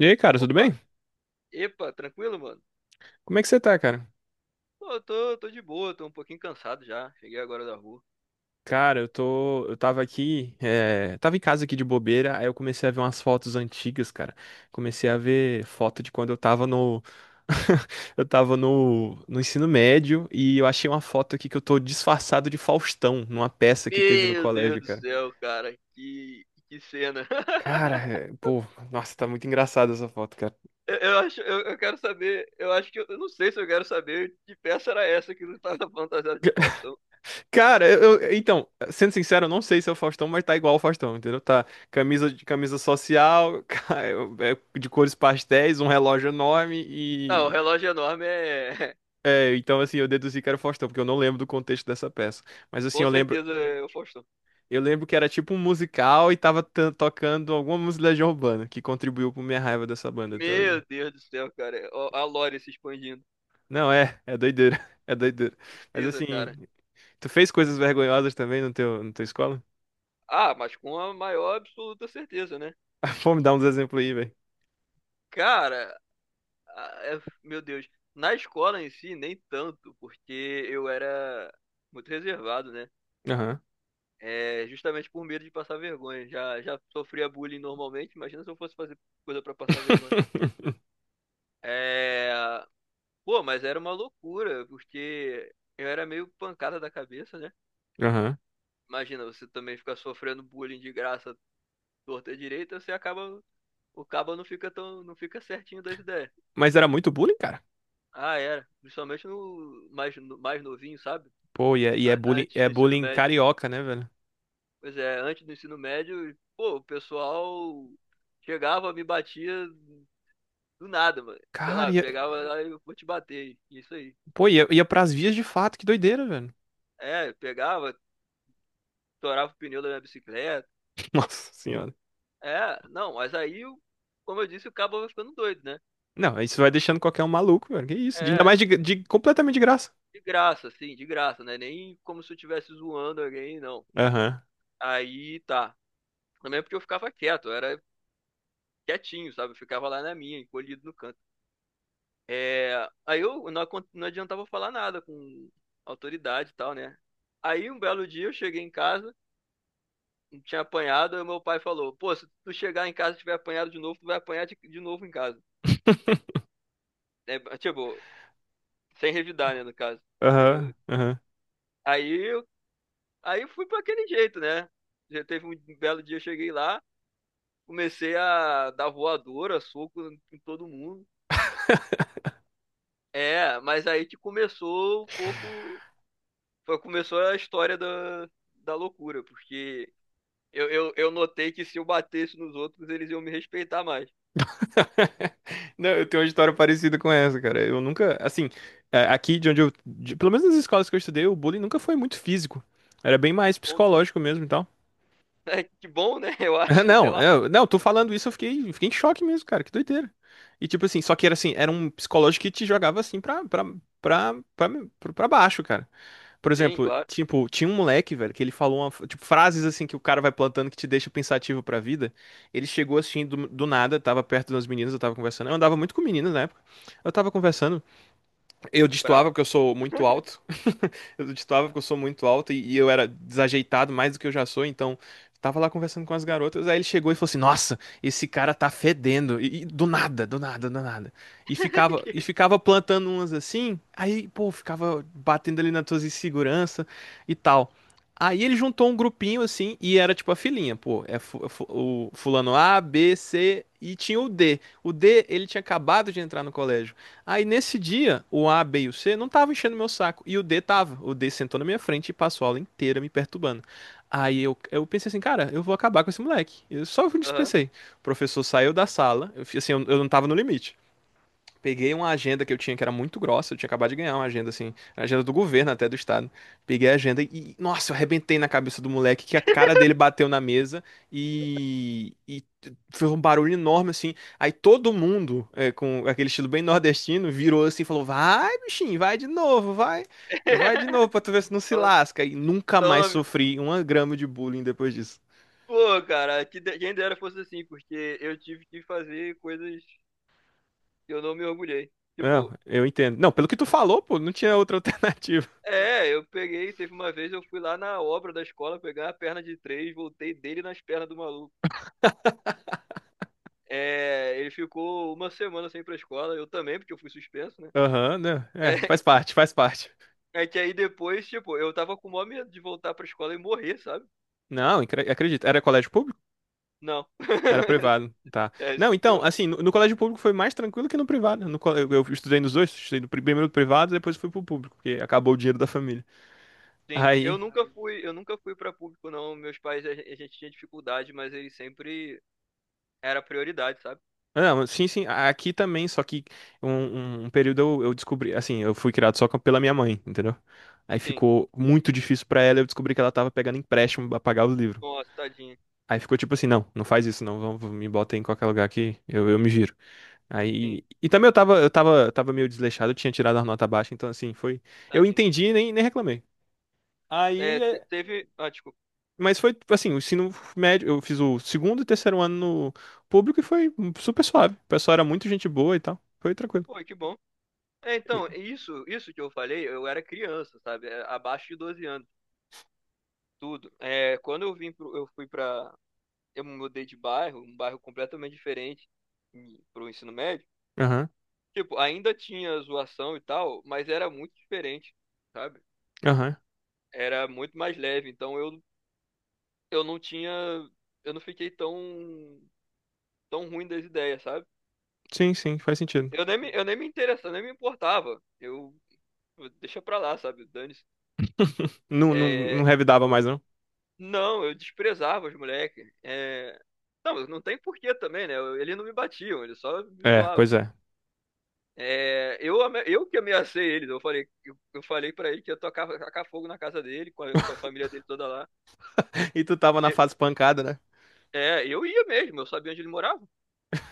E aí, cara, tudo Opa, bem? epa, tranquilo, mano? Como é que você tá, cara? Pô, eu tô de boa, tô um pouquinho cansado já. Cheguei agora da rua. Cara, eu tô. Eu tava aqui. É, tava em casa aqui de bobeira, aí eu comecei a ver umas fotos antigas, cara. Comecei a ver foto de quando eu tava no. Eu tava no ensino médio e eu achei uma foto aqui que eu tô disfarçado de Faustão, numa peça que teve no Meu Deus colégio, do cara. céu, cara, que cena. Cara, é, pô, nossa, tá muito engraçada essa foto, cara. Eu quero saber, eu acho que eu não sei se eu quero saber que peça era essa que não tava fantasiada de Faustão. Cara, então, sendo sincero, eu não sei se é o Faustão, mas tá igual o Faustão, entendeu? Tá camisa de camisa social, é, de cores pastéis, um relógio enorme Ah, o e relógio enorme é, é, então assim, eu deduzi que era o Faustão, porque eu não lembro do contexto dessa peça. Mas assim, com certeza é o Faustão. eu lembro que era tipo um musical e tava tocando alguma música de Legião Urbana, que contribuiu pra minha raiva dessa banda até hoje. Meu Deus do céu, cara, ó, a lore se expandindo. Não, é, é doideira, é doideira. Mas Tristeza, assim, cara. tu fez coisas vergonhosas também no teu, na tua escola? Ah, mas com a maior absoluta certeza, né? Pô, me dar uns exemplos aí, velho. Cara, ah, meu Deus. Na escola em si, nem tanto, porque eu era muito reservado, né? É, justamente por medo de passar vergonha. Já sofria bullying normalmente, imagina se eu fosse fazer coisa pra passar vergonha. É, pô, mas era uma loucura, porque eu era meio pancada da cabeça, né? Aham. Imagina, você também ficar sofrendo bullying de graça, torta e direita, você acaba, o cabo não fica tão, não fica certinho das ideias. Mas era muito bullying, cara. Ah, era. Principalmente no mais novinho, sabe? Pô, e Antes é do ensino bullying médio. carioca, né, velho? Pois é, antes do ensino médio, pô, o pessoal chegava, me batia do nada, mano. Sei Cara, lá, ia, pegava lá e eu vou te bater. Isso aí. pô, ia pras vias de fato, que doideira, velho. É, pegava, torava o pneu da minha bicicleta. Nossa senhora. É, não, mas aí, como eu disse, o cabo vai ficando doido, né? Não, isso vai deixando qualquer um maluco, velho. Que isso? Ainda mais É, completamente de graça. de graça, assim, de graça, né? Nem como se eu estivesse zoando alguém, não. Aham. Aí tá. Também é porque eu ficava quieto, eu era quietinho, sabe? Eu ficava lá na minha, encolhido no canto. É, aí eu não, acon- não adiantava falar nada com autoridade e tal, né? Aí um belo dia eu cheguei em casa, não tinha apanhado, aí meu pai falou: Pô, se tu chegar em casa e tiver apanhado de novo, tu vai apanhar de novo em casa. É, tipo, sem revidar, né, no caso. E Aham, aham. aí, eu- aí eu fui pra aquele jeito, né? Já teve um belo dia, eu cheguei lá, comecei a dar voadora, soco em todo mundo. É, mas aí que começou um pouco. Foi, começou a história da loucura, porque. Eu notei que se eu batesse nos outros, eles iam me respeitar mais. Não, eu tenho uma história parecida com essa, cara. Eu nunca, assim, é, aqui de onde eu, pelo menos nas escolas que eu estudei, o bullying nunca foi muito físico. Era bem mais Bom, psicológico mesmo. né? Que bom, né? Eu Ah, acho, sei não, lá. eu, não, tô falando isso, eu fiquei em choque mesmo, cara, que doideira. E tipo assim, só que era assim, era um psicológico que te jogava assim pra, pra, pra baixo, cara. Por Sim, exemplo, claro. tipo, tinha um moleque, velho, que ele falou uma, tipo, frases assim que o cara vai plantando que te deixa pensativo pra vida. Ele chegou assim do nada, tava perto de umas meninas, eu tava conversando. Eu andava muito com meninas na época. Eu tava conversando, eu Brabo. destoava porque eu sou muito alto. Eu destoava porque eu sou muito alto e eu era desajeitado mais do que eu já sou, então tava lá conversando com as garotas, aí ele chegou e falou assim: "Nossa, esse cara tá fedendo". E do nada, do nada, do nada. E ficava plantando umas assim, aí, pô, ficava batendo ali nas tuas inseguranças e tal. Aí ele juntou um grupinho assim e era tipo a filinha, pô, o fulano A, B, C e tinha o D. O D, ele tinha acabado de entrar no colégio. Aí nesse dia, o A, B e o C não estavam enchendo meu saco. E o D tava. O D sentou na minha frente e passou a aula inteira me perturbando. Aí eu pensei assim, cara, eu vou acabar com esse moleque. Eu Aham. dispensei. O professor saiu da sala, eu, assim, eu não tava no limite. Peguei uma agenda que eu tinha que era muito grossa, eu tinha acabado de ganhar uma agenda assim, a agenda do governo até do estado. Peguei a agenda e, nossa, eu arrebentei na cabeça do moleque que a cara dele bateu na mesa e foi um barulho enorme assim. Aí todo mundo, é, com aquele estilo bem nordestino, virou assim e falou: Vai, bichinho, vai de novo, vai, vai de novo pra tu ver se não se Tome, lasca. E nunca mais tome. sofri uma grama de bullying depois disso. Pô, cara, que quem dera fosse assim, porque eu tive que fazer coisas que eu não me orgulhei. Não, Tipo, eu entendo. Não, pelo que tu falou, pô, não tinha outra alternativa. é, eu peguei, teve uma vez eu fui lá na obra da escola pegar a perna de três, voltei dele nas pernas do maluco. É, ele ficou uma semana sem ir pra escola, eu também, porque eu fui suspenso, né? Aham, né? É, faz parte, faz parte. É que aí depois, tipo, eu tava com o maior medo de voltar pra escola e morrer, sabe? Não, acredito. Era colégio público? Não. Era privado, tá. É, isso Não, que é então, pior. assim, no colégio público foi mais tranquilo que no privado. No, eu estudei nos dois, estudei no primeiro no privado, depois fui pro público, porque acabou o dinheiro da família. Sim, eu Aí, nunca fui, eu nunca fui pra público, não. Meus pais, a gente tinha dificuldade, mas eles sempre era prioridade, sabe? não, sim, sim, aqui também, só que um, um período eu descobri, assim, eu fui criado só pela minha mãe, entendeu? Aí Sim. ficou muito difícil pra ela, eu descobri que ela tava pegando empréstimo pra pagar o livro. Nossa, tadinho. Aí ficou tipo assim, não, não faz isso não, vamos, me bota em qualquer lugar aqui, eu me giro. Sim, Aí, e também tava meio desleixado, eu tinha tirado a nota baixa, então assim, foi, eu tadinho. entendi e nem, nem reclamei. Aí, É, te- é, teve. Ah, desculpa. mas foi assim, o ensino médio, eu fiz o segundo e terceiro ano no público e foi super suave. O pessoal era muito gente boa e tal, foi tranquilo. Pô, que bom. É, E- então, isso que eu falei, eu era criança, sabe? É, abaixo de 12 anos, tudo. É, quando eu vim pro, eu fui pra. Eu me mudei de bairro, um bairro completamente diferente pro ensino médio. Aham, Tipo, ainda tinha zoação e tal, mas era muito diferente, sabe? aham. Era muito mais leve, então eu não tinha, eu não fiquei tão ruim das ideias, sabe? Sim, sim, faz sentido. Eu nem me interessava, nem me importava. Eu, deixa pra lá, sabe? Dane-se. Não, não, não É, revidava mais, não. não, eu desprezava os moleques. É, não, não tem porquê também, né? Eles não me batiam, eles só me É, zoavam. pois é. É, eu que ameacei eles, eu falei para ele que ia tacar fogo na casa dele, com a família dele toda lá. E tu tava na Eu- fase pancada, né? É, eu ia mesmo, eu sabia onde ele morava.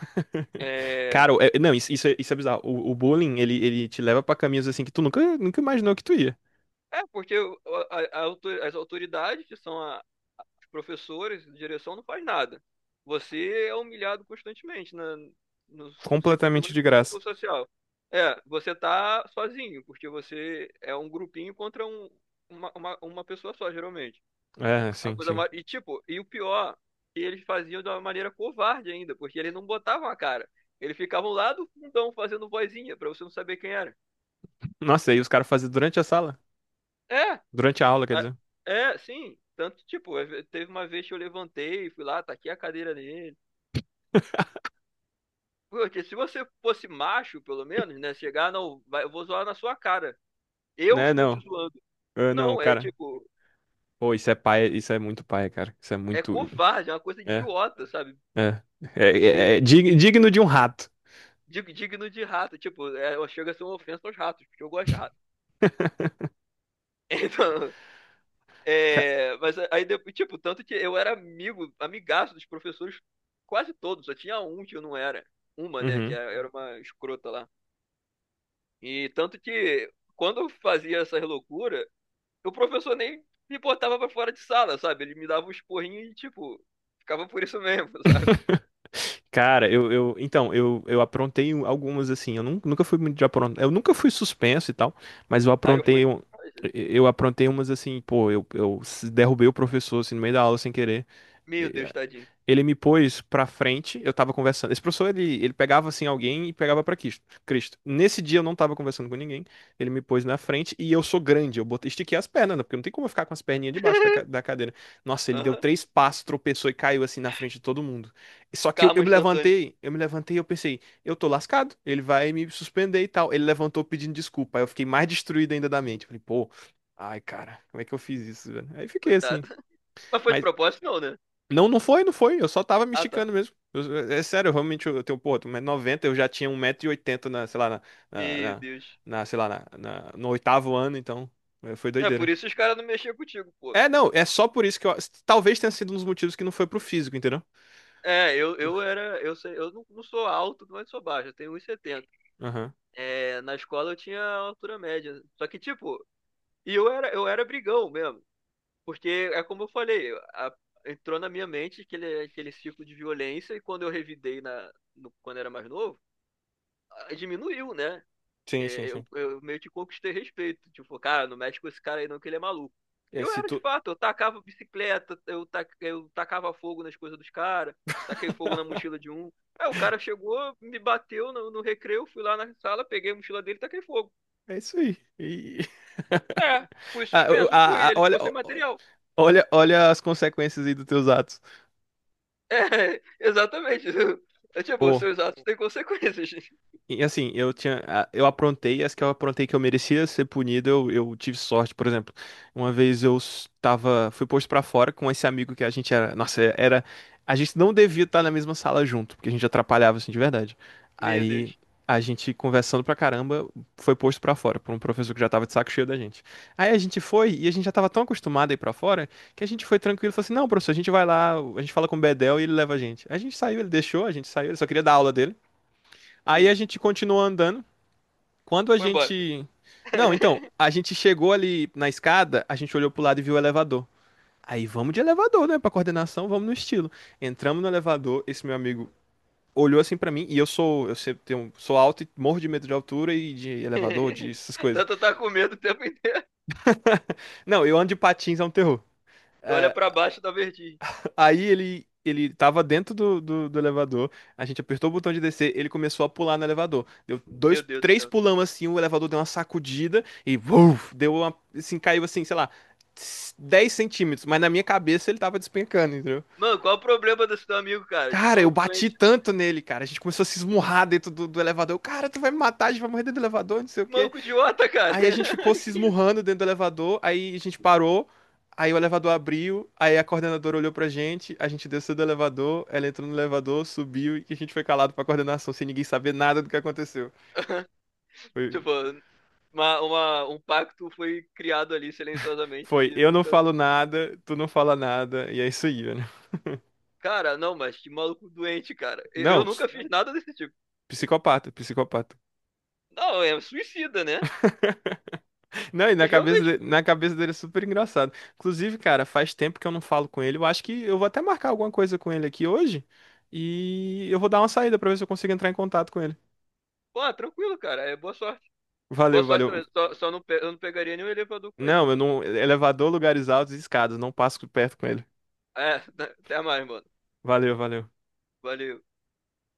Cara, É, não, isso, isso é bizarro. O bullying, ele te leva pra caminhos assim que tu nunca, nunca imaginou que tu ia. é porque as autoridades, que são os professores, a direção, não faz nada. Você é humilhado constantemente na, no, no círculo, so- Completamente de no graça. círculo social. É, você tá sozinho, porque você é um grupinho contra uma pessoa só, geralmente. É, A sim, coisa sim. mais, e tipo, e o pior, que eles faziam de uma maneira covarde ainda, porque eles não botavam a cara. Eles ficavam lá do fundão fazendo vozinha, pra você não saber quem era. Nossa, e aí os caras faziam durante a sala? É, Durante a aula, quer a- dizer. é, sim. Tanto, tipo, teve uma vez que eu levantei, fui lá, taquei a cadeira nele. Porque se você fosse macho, pelo menos, né? Chegar, não, eu vou zoar na sua cara. Eu Né, estou te não. zoando. Ah, não, Não, é cara. tipo, Pô, isso é paia, isso é muito paia, cara. Isso é é muito. covarde, é uma coisa É, idiota, sabe? é. É, é De- digno de um rato. digno de rato. Tipo, é, chega a ser uma ofensa aos ratos, porque eu gosto de rato. Então, Ca- é, mas aí depois, tipo, tanto que eu era amigaço dos professores quase todos, só tinha um que eu não era. Uma, né, Uhum. era uma escrota lá. E tanto que quando eu fazia essas loucuras, o professor nem me botava pra fora de sala, sabe? Ele me dava uns porrinhos e, tipo, ficava por isso mesmo, sabe? Cara, eu, eu. Então, eu aprontei algumas assim. Eu nunca fui muito de aprontar. Eu nunca fui suspenso e tal, mas eu Aí eu fui. aprontei. Ai, Jesus. Eu aprontei umas assim, pô, eu, derrubei o professor assim, no meio da aula sem querer. Meu Deus, tadinho. Ele me pôs pra frente, eu tava conversando. Esse professor, ele pegava assim alguém e pegava pra Cristo. Cristo. Nesse dia eu não tava conversando com ninguém, ele me pôs na frente e eu sou grande, eu botei, estiquei as pernas, né? Porque não tem como eu ficar com as perninhas debaixo da cadeira. Nossa, ele deu Aham. três passos, tropeçou e caiu assim na frente de todo mundo. Só que eu, eu Karma me instantâneo. levantei, eu me levantei e eu pensei, eu tô lascado, ele vai me suspender e tal. Ele levantou pedindo desculpa, aí eu fiquei mais destruído ainda da mente. Falei, pô, ai cara, como é que eu fiz isso, velho? Aí fiquei Coitado. assim. Mas foi de Mas propósito, não, né? não, não foi, não foi. Eu só tava me Ah, tá. esticando mesmo. É sério, eu realmente eu tenho, pô, 1,90 m, eu já tinha 1,80 m na, sei lá, na, Meu na- Deus. na, sei lá, no oitavo ano, então é, foi É doideira. por isso os caras não mexiam contigo, pô. É, não, é só por isso que eu, talvez tenha sido um dos motivos que não foi pro físico, entendeu? É, eu era. Eu sei, eu não, não sou alto, mas sou baixo. Eu tenho 1,70. Aham. É, na escola eu tinha altura média. Só que, tipo, e eu era brigão mesmo. Porque é como eu falei, entrou na minha mente aquele ciclo de violência, e quando eu revidei na, no- quando era mais novo, ah, diminuiu, né? Sim, É, sim, Eu, sim. eu meio que conquistei respeito. Tipo, cara, não mexe com esse cara aí não, que ele é maluco. E É, eu se era de tu... fato, eu tacava bicicleta, eu tacava fogo nas coisas dos caras, taquei fogo na mochila de um. Aí o cara chegou, me bateu no recreio, fui lá na sala, peguei a mochila dele e taquei fogo. É isso aí. É, fui Ah, suspenso, ele olha, ficou sem material. olha, olha as consequências aí dos teus atos. É, exatamente. É, tipo, Pô. seus atos têm consequências. E assim, eu tinha, eu aprontei, as que eu aprontei que eu merecia ser punido, eu tive sorte, por exemplo. Uma vez tava, fui posto pra fora com esse amigo que a gente era, nossa, é, era, a gente não devia estar na mesma sala junto, porque a gente atrapalhava assim de verdade. Meu Aí Deus. a gente conversando pra caramba, foi posto pra fora por um professor que já tava de saco cheio da gente. Aí a gente foi e a gente já tava tão acostumado a ir pra fora que a gente foi tranquilo, falou assim: "Não, professor, a gente vai lá, a gente fala com o Bedel e ele leva a gente". A gente saiu, ele deixou, a gente saiu, ele só queria dar aula dele. Aí Sim, a gente continuou andando. Quando a foi embora. gente. Não, então, a gente chegou ali na escada, a gente olhou pro lado e viu o elevador. Aí vamos de elevador, né? Pra coordenação, vamos no estilo. Entramos no elevador, esse meu amigo olhou assim pra mim, e eu sou, eu sempre sou alto e morro de medo de altura e de elevador, de essas coisas. Tanto tá com medo o tempo inteiro. Não, eu ando de patins, é um terror. Tu olha pra baixo da vertigem. Aí ele tava dentro do elevador, a gente apertou o botão de descer, ele começou a pular no elevador. Deu Meu dois, Deus do três céu. pulão assim, o elevador deu uma sacudida e vuf, deu uma, assim, caiu assim, sei lá, 10 cm, mas na minha cabeça ele tava despencando, entendeu? Mano, qual é o problema desse teu amigo, cara? De Cara, eu maluco bati doente. tanto nele, cara. A gente começou a se esmurrar dentro do elevador. Eu, cara, tu vai me matar, a gente vai morrer dentro do elevador, não sei o De quê. maluco idiota, cara. Aí a gente ficou se Que isso? esmurrando dentro do elevador, aí a gente parou, aí o elevador abriu, aí a coordenadora olhou pra gente, a gente desceu do elevador, ela entrou no elevador, subiu e a gente foi calado pra coordenação, sem ninguém saber nada do que aconteceu. Foi, Tipo, um pacto foi criado ali silenciosamente foi, de eu não nunca. falo nada, tu não fala nada, e é isso aí, né? Cara, não, mas que maluco doente, cara. Eu Não, nunca fiz nada desse tipo. psicopata, psicopata. Não, é suicida, né? Não, e Que na cabeça, realmente na cabeça dele é super engraçado. Inclusive, cara, faz tempo que eu não falo com ele. Eu acho que eu vou até marcar alguma coisa com ele aqui hoje. E eu vou dar uma saída pra ver se eu consigo entrar em contato com ele. Pô, tranquilo, cara. É boa sorte. Boa Valeu, sorte valeu. também. Só não, eu não pegaria nenhum elevador com ele se eu Não, eu fosse. não. Elevador, lugares altos e escadas. Não passo perto com ele. É, até mais, mano. Valeu, valeu. Valeu.